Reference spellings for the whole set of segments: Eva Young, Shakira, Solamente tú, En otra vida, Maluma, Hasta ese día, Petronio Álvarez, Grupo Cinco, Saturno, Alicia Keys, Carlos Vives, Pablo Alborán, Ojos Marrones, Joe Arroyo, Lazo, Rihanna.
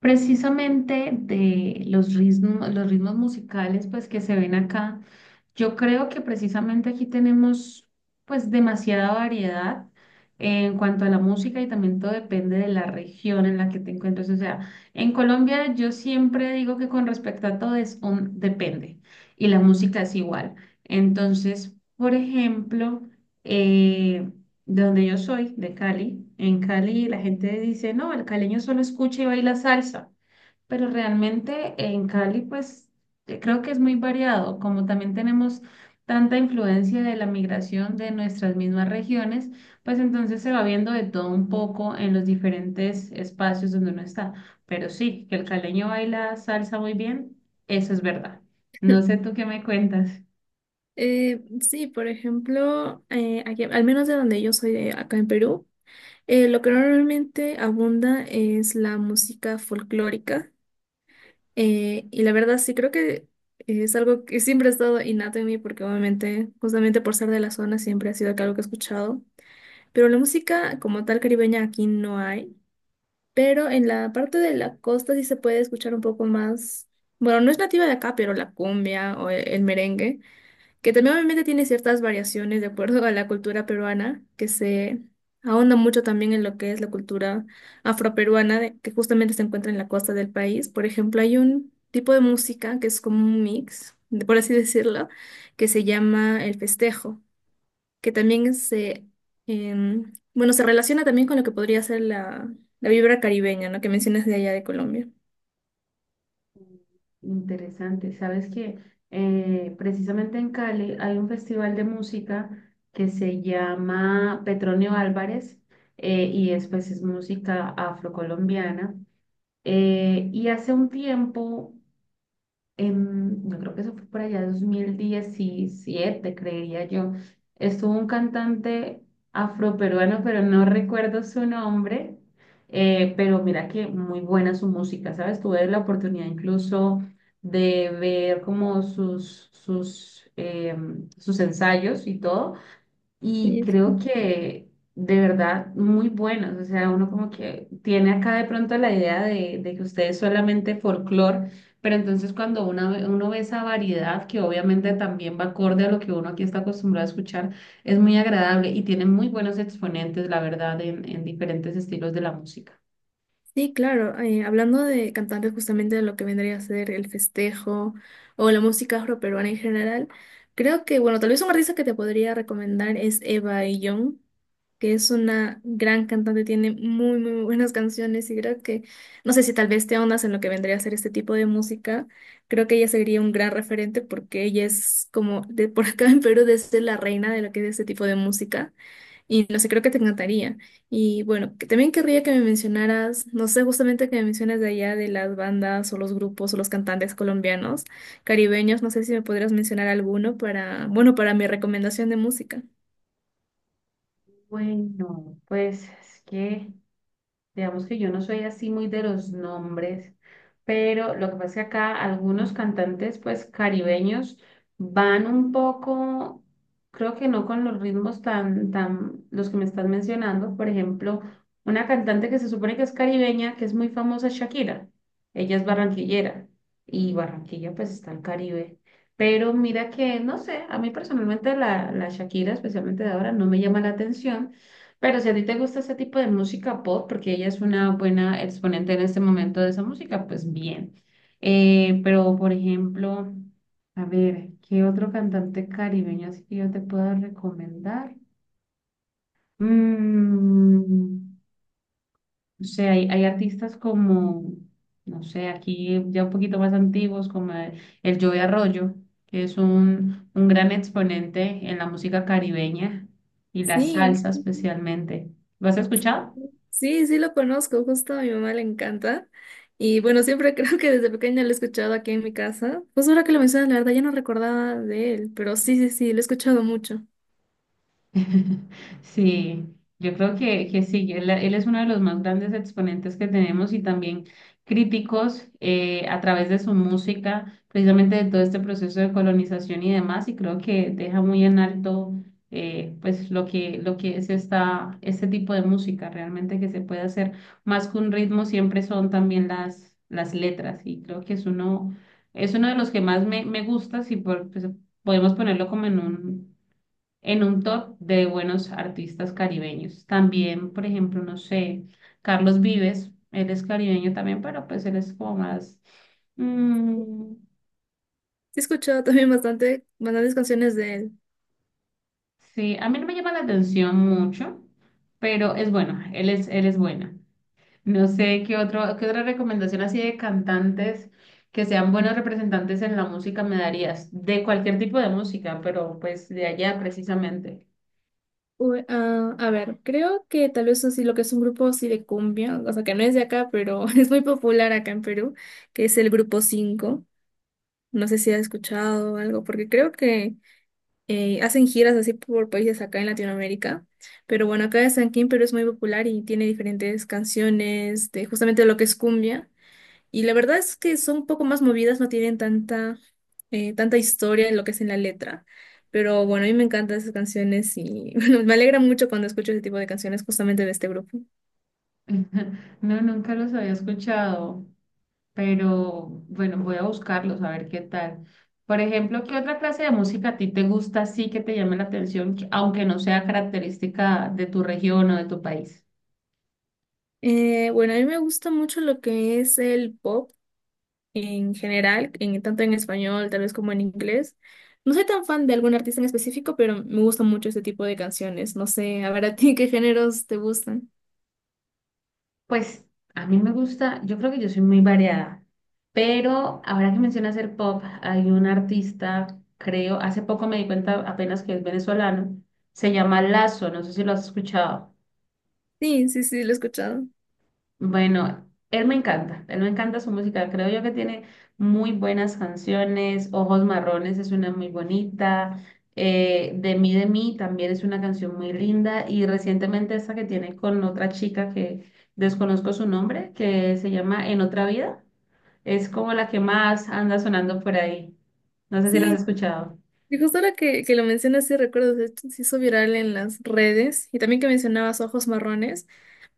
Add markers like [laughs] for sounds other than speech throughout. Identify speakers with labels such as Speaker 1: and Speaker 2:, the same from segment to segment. Speaker 1: Precisamente de los ritmos musicales pues que se ven acá, yo creo que precisamente aquí tenemos pues demasiada variedad en cuanto a la música y también todo depende de la región en la que te encuentres. O sea, en Colombia yo siempre digo que con respecto a todo es un depende y la música es igual. Entonces, por ejemplo, eh, de donde yo soy, de Cali. En Cali
Speaker 2: Sí.
Speaker 1: la gente dice, no, el caleño solo escucha y baila salsa, pero realmente en Cali pues creo que es muy variado, como también tenemos tanta influencia de la migración de nuestras mismas regiones, pues entonces se va viendo de todo un poco en los diferentes espacios donde uno está. Pero sí, que el caleño baila salsa muy bien, eso es verdad. No sé tú qué me cuentas.
Speaker 2: Sí, por ejemplo, al menos de donde yo soy, de acá en Perú, lo que normalmente abunda es la música folclórica. Y la verdad sí creo que es algo que siempre ha estado innato en mí porque obviamente, justamente por ser de la zona, siempre ha sido que algo que he escuchado. Pero la música como tal caribeña aquí no hay. Pero en la parte de la costa sí se puede escuchar un poco más. Bueno, no es nativa de acá, pero la cumbia o el merengue, que también obviamente tiene ciertas variaciones de acuerdo a la cultura peruana, que se ahonda mucho también en lo que es la cultura afroperuana, que justamente se encuentra en la costa del país. Por ejemplo, hay un tipo de música que es como un mix, por así [laughs] decirlo, que se llama el festejo, que también se, em, bueno, se relaciona también con lo que podría ser la vibra caribeña, ¿no? Que mencionas de allá de Colombia.
Speaker 1: Interesante. Sabes que precisamente en Cali hay un festival de música que se llama Petronio Álvarez, y es pues es música afrocolombiana. Y hace un tiempo yo creo que eso fue por allá 2017, creería yo. Estuvo un cantante afroperuano, pero no recuerdo su nombre, pero mira que muy buena su música, ¿sabes? Tuve la oportunidad incluso de ver como sus sus ensayos y todo, y creo que de verdad muy buenos. O sea, uno como que tiene acá de pronto la idea de que ustedes solamente folclore, pero entonces cuando uno ve esa variedad, que obviamente también va acorde a lo que uno aquí está acostumbrado a escuchar, es muy agradable y tiene muy buenos exponentes, la verdad, en diferentes estilos de la música.
Speaker 2: Sí, claro. Hablando de cantantes, justamente de lo que vendría a ser el festejo o la música afroperuana en general, creo que, bueno, tal vez un artista que te podría recomendar es Eva Young, que es una gran cantante, tiene muy, muy buenas canciones y creo que, no sé si tal vez te ahondas en lo que vendría a ser este tipo de música, creo que ella sería un gran referente porque ella es como, de por acá [laughs] en Perú, desde la reina de lo que es este tipo de música. Y no sé, creo que te encantaría. Y bueno, que también querría que me mencionaras, no sé, justamente que me mencionas de allá de las bandas o los grupos o los cantantes colombianos, caribeños, no sé si me podrías mencionar alguno para, bueno, para mi recomendación de música.
Speaker 1: Bueno, pues es que... Digamos que yo no soy así muy de los nombres, pero lo que pasa es que acá algunos cantantes, pues caribeños, van un poco, creo que no con los ritmos tan, los que me estás mencionando. Por ejemplo, una cantante que se supone que es caribeña, que es muy famosa, Shakira. Ella es barranquillera y Barranquilla, pues está el Caribe. Pero mira que, no sé, a mí personalmente la Shakira, especialmente de ahora, no me llama la atención. Pero si a ti te gusta ese tipo de música pop, porque ella es una buena exponente en este momento de esa música, pues bien. Pero, por ejemplo, a ver, ¿qué otro cantante caribeño así que yo te puedo recomendar? Mm, o sea, hay artistas como, no sé, aquí ya un poquito más antiguos, como el Joe Arroyo, que es un gran exponente en la música caribeña y la
Speaker 2: Sí,
Speaker 1: salsa especialmente. ¿Lo has escuchado?
Speaker 2: sí, sí lo conozco, justo a mi mamá le encanta. Y bueno, siempre [laughs] creo que desde pequeña lo he escuchado aquí en mi casa. Pues ahora que lo mencionas, la verdad ya no recordaba de él, pero sí, sí, sí, lo he escuchado mucho. Sí,
Speaker 1: [laughs] Sí, yo creo que sí, él es uno de los más grandes exponentes que tenemos y también críticos, a través de su música, precisamente de todo este proceso de colonización y demás, y creo que deja muy en alto, pues lo que es este tipo de música realmente que se puede hacer. Más que un ritmo, siempre son también las letras, y creo que es uno de los que más me gusta, si por, pues, podemos ponerlo como en un top de buenos artistas caribeños. También, por ejemplo, no sé, Carlos Vives, él es caribeño también, pero pues él es como más... mm,
Speaker 2: he escuchado también bastante, bastantes canciones de él.
Speaker 1: sí, a mí no me llama la atención mucho, pero es bueno, él es bueno. No sé qué otro, qué otra recomendación así de cantantes que sean buenos representantes en la música me darías, de cualquier tipo de música, pero pues de allá precisamente.
Speaker 2: Uy, ah, a ver, creo que tal vez así lo que es un grupo así de cumbia, o sea que no es de acá, pero [laughs] es muy popular acá en Perú, que es el grupo cinco. No sé si has escuchado algo, porque creo que hacen giras así por países acá en Latinoamérica. Pero bueno, acá es aquí en San Perú es muy popular y tiene diferentes canciones de justamente lo que es cumbia. Y la verdad es que son un poco más movidas, no tienen tanta historia en lo que es en la letra. Pero bueno, a mí me encantan esas canciones y [laughs] bueno, me alegra mucho cuando escucho ese tipo de canciones justamente de este grupo.
Speaker 1: [laughs] No, nunca los había escuchado. Pero bueno, voy a buscarlos a ver qué tal. Por ejemplo, ¿qué otra clase de música a ti te gusta, sí que te llame la atención, que- aunque no sea característica de tu región o de tu país?
Speaker 2: Bueno, a mí me gusta mucho lo que es el pop en general, tanto en español, tal vez como en inglés. No soy tan fan de algún artista en específico, pero me gusta mucho este tipo de canciones. No sé, a ver a ti [laughs] qué géneros te gustan.
Speaker 1: Pues a mí me gusta, yo creo que yo soy muy variada, pero ahora que mencionas el pop, hay un artista, creo, hace poco me di cuenta apenas que es venezolano, se llama Lazo, no sé si lo has escuchado.
Speaker 2: Sí, sí, sí, lo he escuchado.
Speaker 1: Bueno, él me encanta su música, creo yo que tiene muy buenas canciones, Ojos Marrones es una muy bonita, de mí también es una canción muy linda y recientemente esta que tiene con otra chica que desconozco su nombre, que se llama En otra vida, es como la que más anda sonando por ahí, no sé si la has
Speaker 2: Sí.
Speaker 1: escuchado.
Speaker 2: Y justo ahora que lo mencionas, sí recuerdo, de hecho, se hizo viral en las redes y también que mencionabas Ojos Marrones.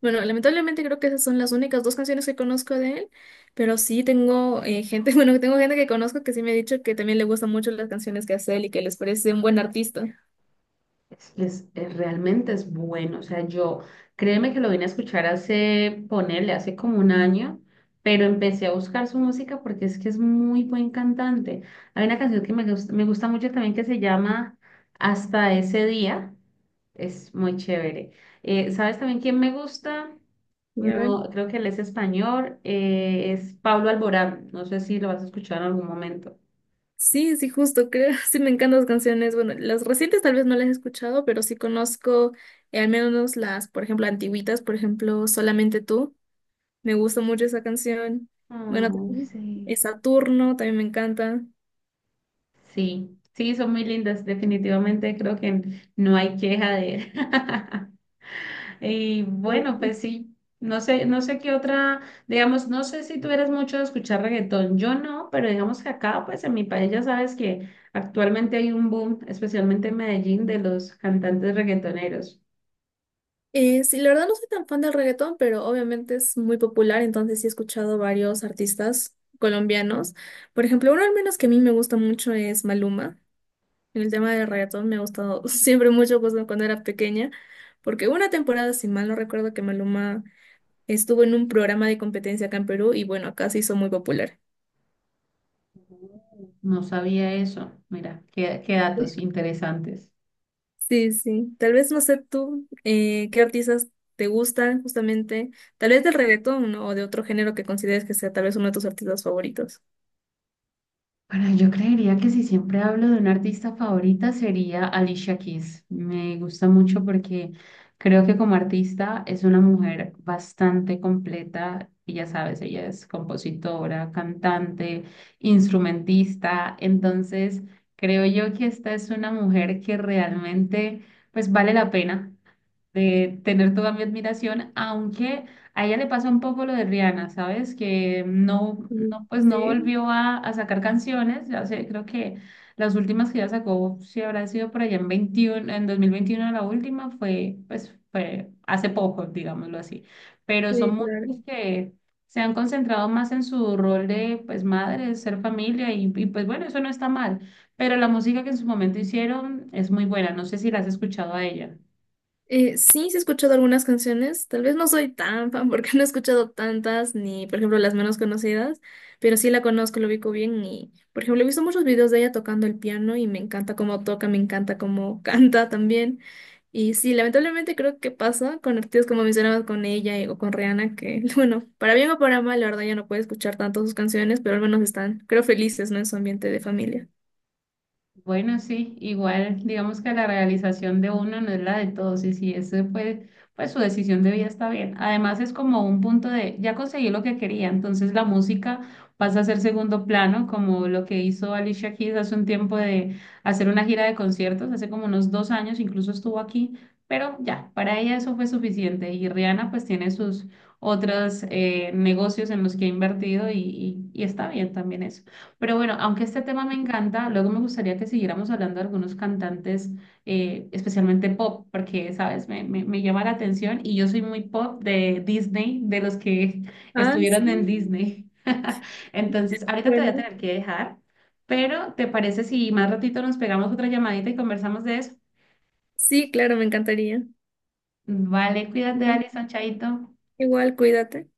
Speaker 2: Bueno, lamentablemente creo que esas son las únicas dos canciones que conozco de él, pero sí tengo gente, [laughs] bueno, tengo gente que conozco que sí me ha dicho que también le gustan mucho las canciones que hace él y que les parece un buen artista.
Speaker 1: Realmente es bueno. O sea, yo, créeme que lo vine a escuchar hace, ponerle, hace como un año, pero empecé a buscar su música porque es que es muy buen cantante. Hay una canción que me gusta mucho también que se llama Hasta ese día. Es muy chévere. ¿Sabes también quién me gusta?
Speaker 2: Y a ver.
Speaker 1: No, creo que él es español. Es Pablo Alborán. No sé si lo vas a escuchar en algún momento.
Speaker 2: Sí, sí, justo, creo, [laughs] sí me encantan las canciones. Bueno, las recientes tal vez no las he escuchado, pero sí conozco al menos las, por ejemplo, antiguitas, por ejemplo, Solamente tú. Me gusta mucho esa canción. Bueno,
Speaker 1: Ay,
Speaker 2: también
Speaker 1: sí.
Speaker 2: es Saturno, también me encanta.
Speaker 1: Sí, sí, son muy lindas, definitivamente creo que no hay queja de él. [laughs] Y bueno, pues sí, no sé, no sé qué otra, digamos, no sé si tú eres mucho de escuchar reggaetón, yo no, pero digamos que acá, pues en mi país ya sabes que actualmente hay un boom, especialmente en Medellín, de los cantantes reggaetoneros.
Speaker 2: Sí, la verdad no soy tan fan del reggaetón, pero obviamente es muy popular, entonces sí he escuchado varios artistas colombianos. Por ejemplo, uno al menos que a mí me gusta mucho es Maluma. En el tema del reggaetón me ha gustado [laughs] siempre mucho pues, ¿no? Cuando era pequeña, porque hubo una temporada, si mal no recuerdo, que Maluma estuvo en un programa de competencia acá en Perú y bueno, acá se hizo muy popular.
Speaker 1: No sabía eso, mira, qué datos interesantes.
Speaker 2: Sí, sí. Tal vez no sé tú qué artistas te gustan justamente, tal vez del reggaetón, ¿no? O de otro género que consideres que sea tal vez uno de tus artistas favoritos.
Speaker 1: Bueno, yo creería que si siempre hablo de una artista favorita sería Alicia Keys. Me gusta mucho porque creo que como artista es una mujer bastante completa y ya sabes, ella es compositora, cantante, instrumentista. Entonces, creo yo que esta es una mujer que realmente pues vale la pena de tener toda mi admiración, aunque a ella le pasa un poco lo de Rihanna, ¿sabes? Que
Speaker 2: Mm.
Speaker 1: no pues no
Speaker 2: Sí,
Speaker 1: volvió a sacar canciones, ya sé, creo que las últimas que ya sacó, si habrá sido por allá en 21, en 2021 la última fue, pues fue hace poco, digámoslo así, pero
Speaker 2: sí,
Speaker 1: son
Speaker 2: claro.
Speaker 1: muchas que se han concentrado más en su rol de, pues, madre, ser familia y pues bueno, eso no está mal, pero la música que en su momento hicieron es muy buena, no sé si la has escuchado a ella.
Speaker 2: Sí, sí he escuchado algunas canciones, tal vez no soy tan fan porque [laughs] no he escuchado tantas, ni por ejemplo las menos conocidas, pero sí la conozco, lo ubico bien y por ejemplo he visto muchos videos de ella tocando el piano y me encanta cómo toca, me encanta cómo [laughs] canta también. Y sí, lamentablemente creo que pasa con artistas como mencionabas con ella o con Rihanna, que [laughs] bueno, para bien o para mal, la verdad ya no puedo escuchar tanto sus canciones, pero al menos están, creo, felices, ¿no? En su ambiente de familia.
Speaker 1: Bueno, sí, igual digamos que la realización de uno no es la de todos y si ese fue, pues su decisión de vida está bien. Además es como un punto de, ya conseguí lo que quería, entonces la música pasa a ser segundo plano, como lo que hizo Alicia Keys hace un tiempo de hacer una gira de conciertos, hace como unos 2 años, incluso estuvo aquí, pero ya, para ella eso fue suficiente y Rihanna pues tiene sus otros, negocios en los que ha invertido y está bien también eso. Pero bueno, aunque este tema me encanta, luego me gustaría que siguiéramos hablando de algunos cantantes, especialmente pop, porque, sabes, me llama la atención y yo soy muy pop de Disney, de los que [laughs]
Speaker 2: Ah,
Speaker 1: estuvieron en
Speaker 2: sí.
Speaker 1: Disney. [laughs] Entonces, ahorita te voy a
Speaker 2: Bueno,
Speaker 1: tener que dejar, pero ¿te parece si más ratito nos pegamos otra llamadita y conversamos de eso?
Speaker 2: sí, claro, me encantaría.
Speaker 1: Vale, cuídate,
Speaker 2: Ujú.
Speaker 1: Alison, chaito.
Speaker 2: Igual, cuídate.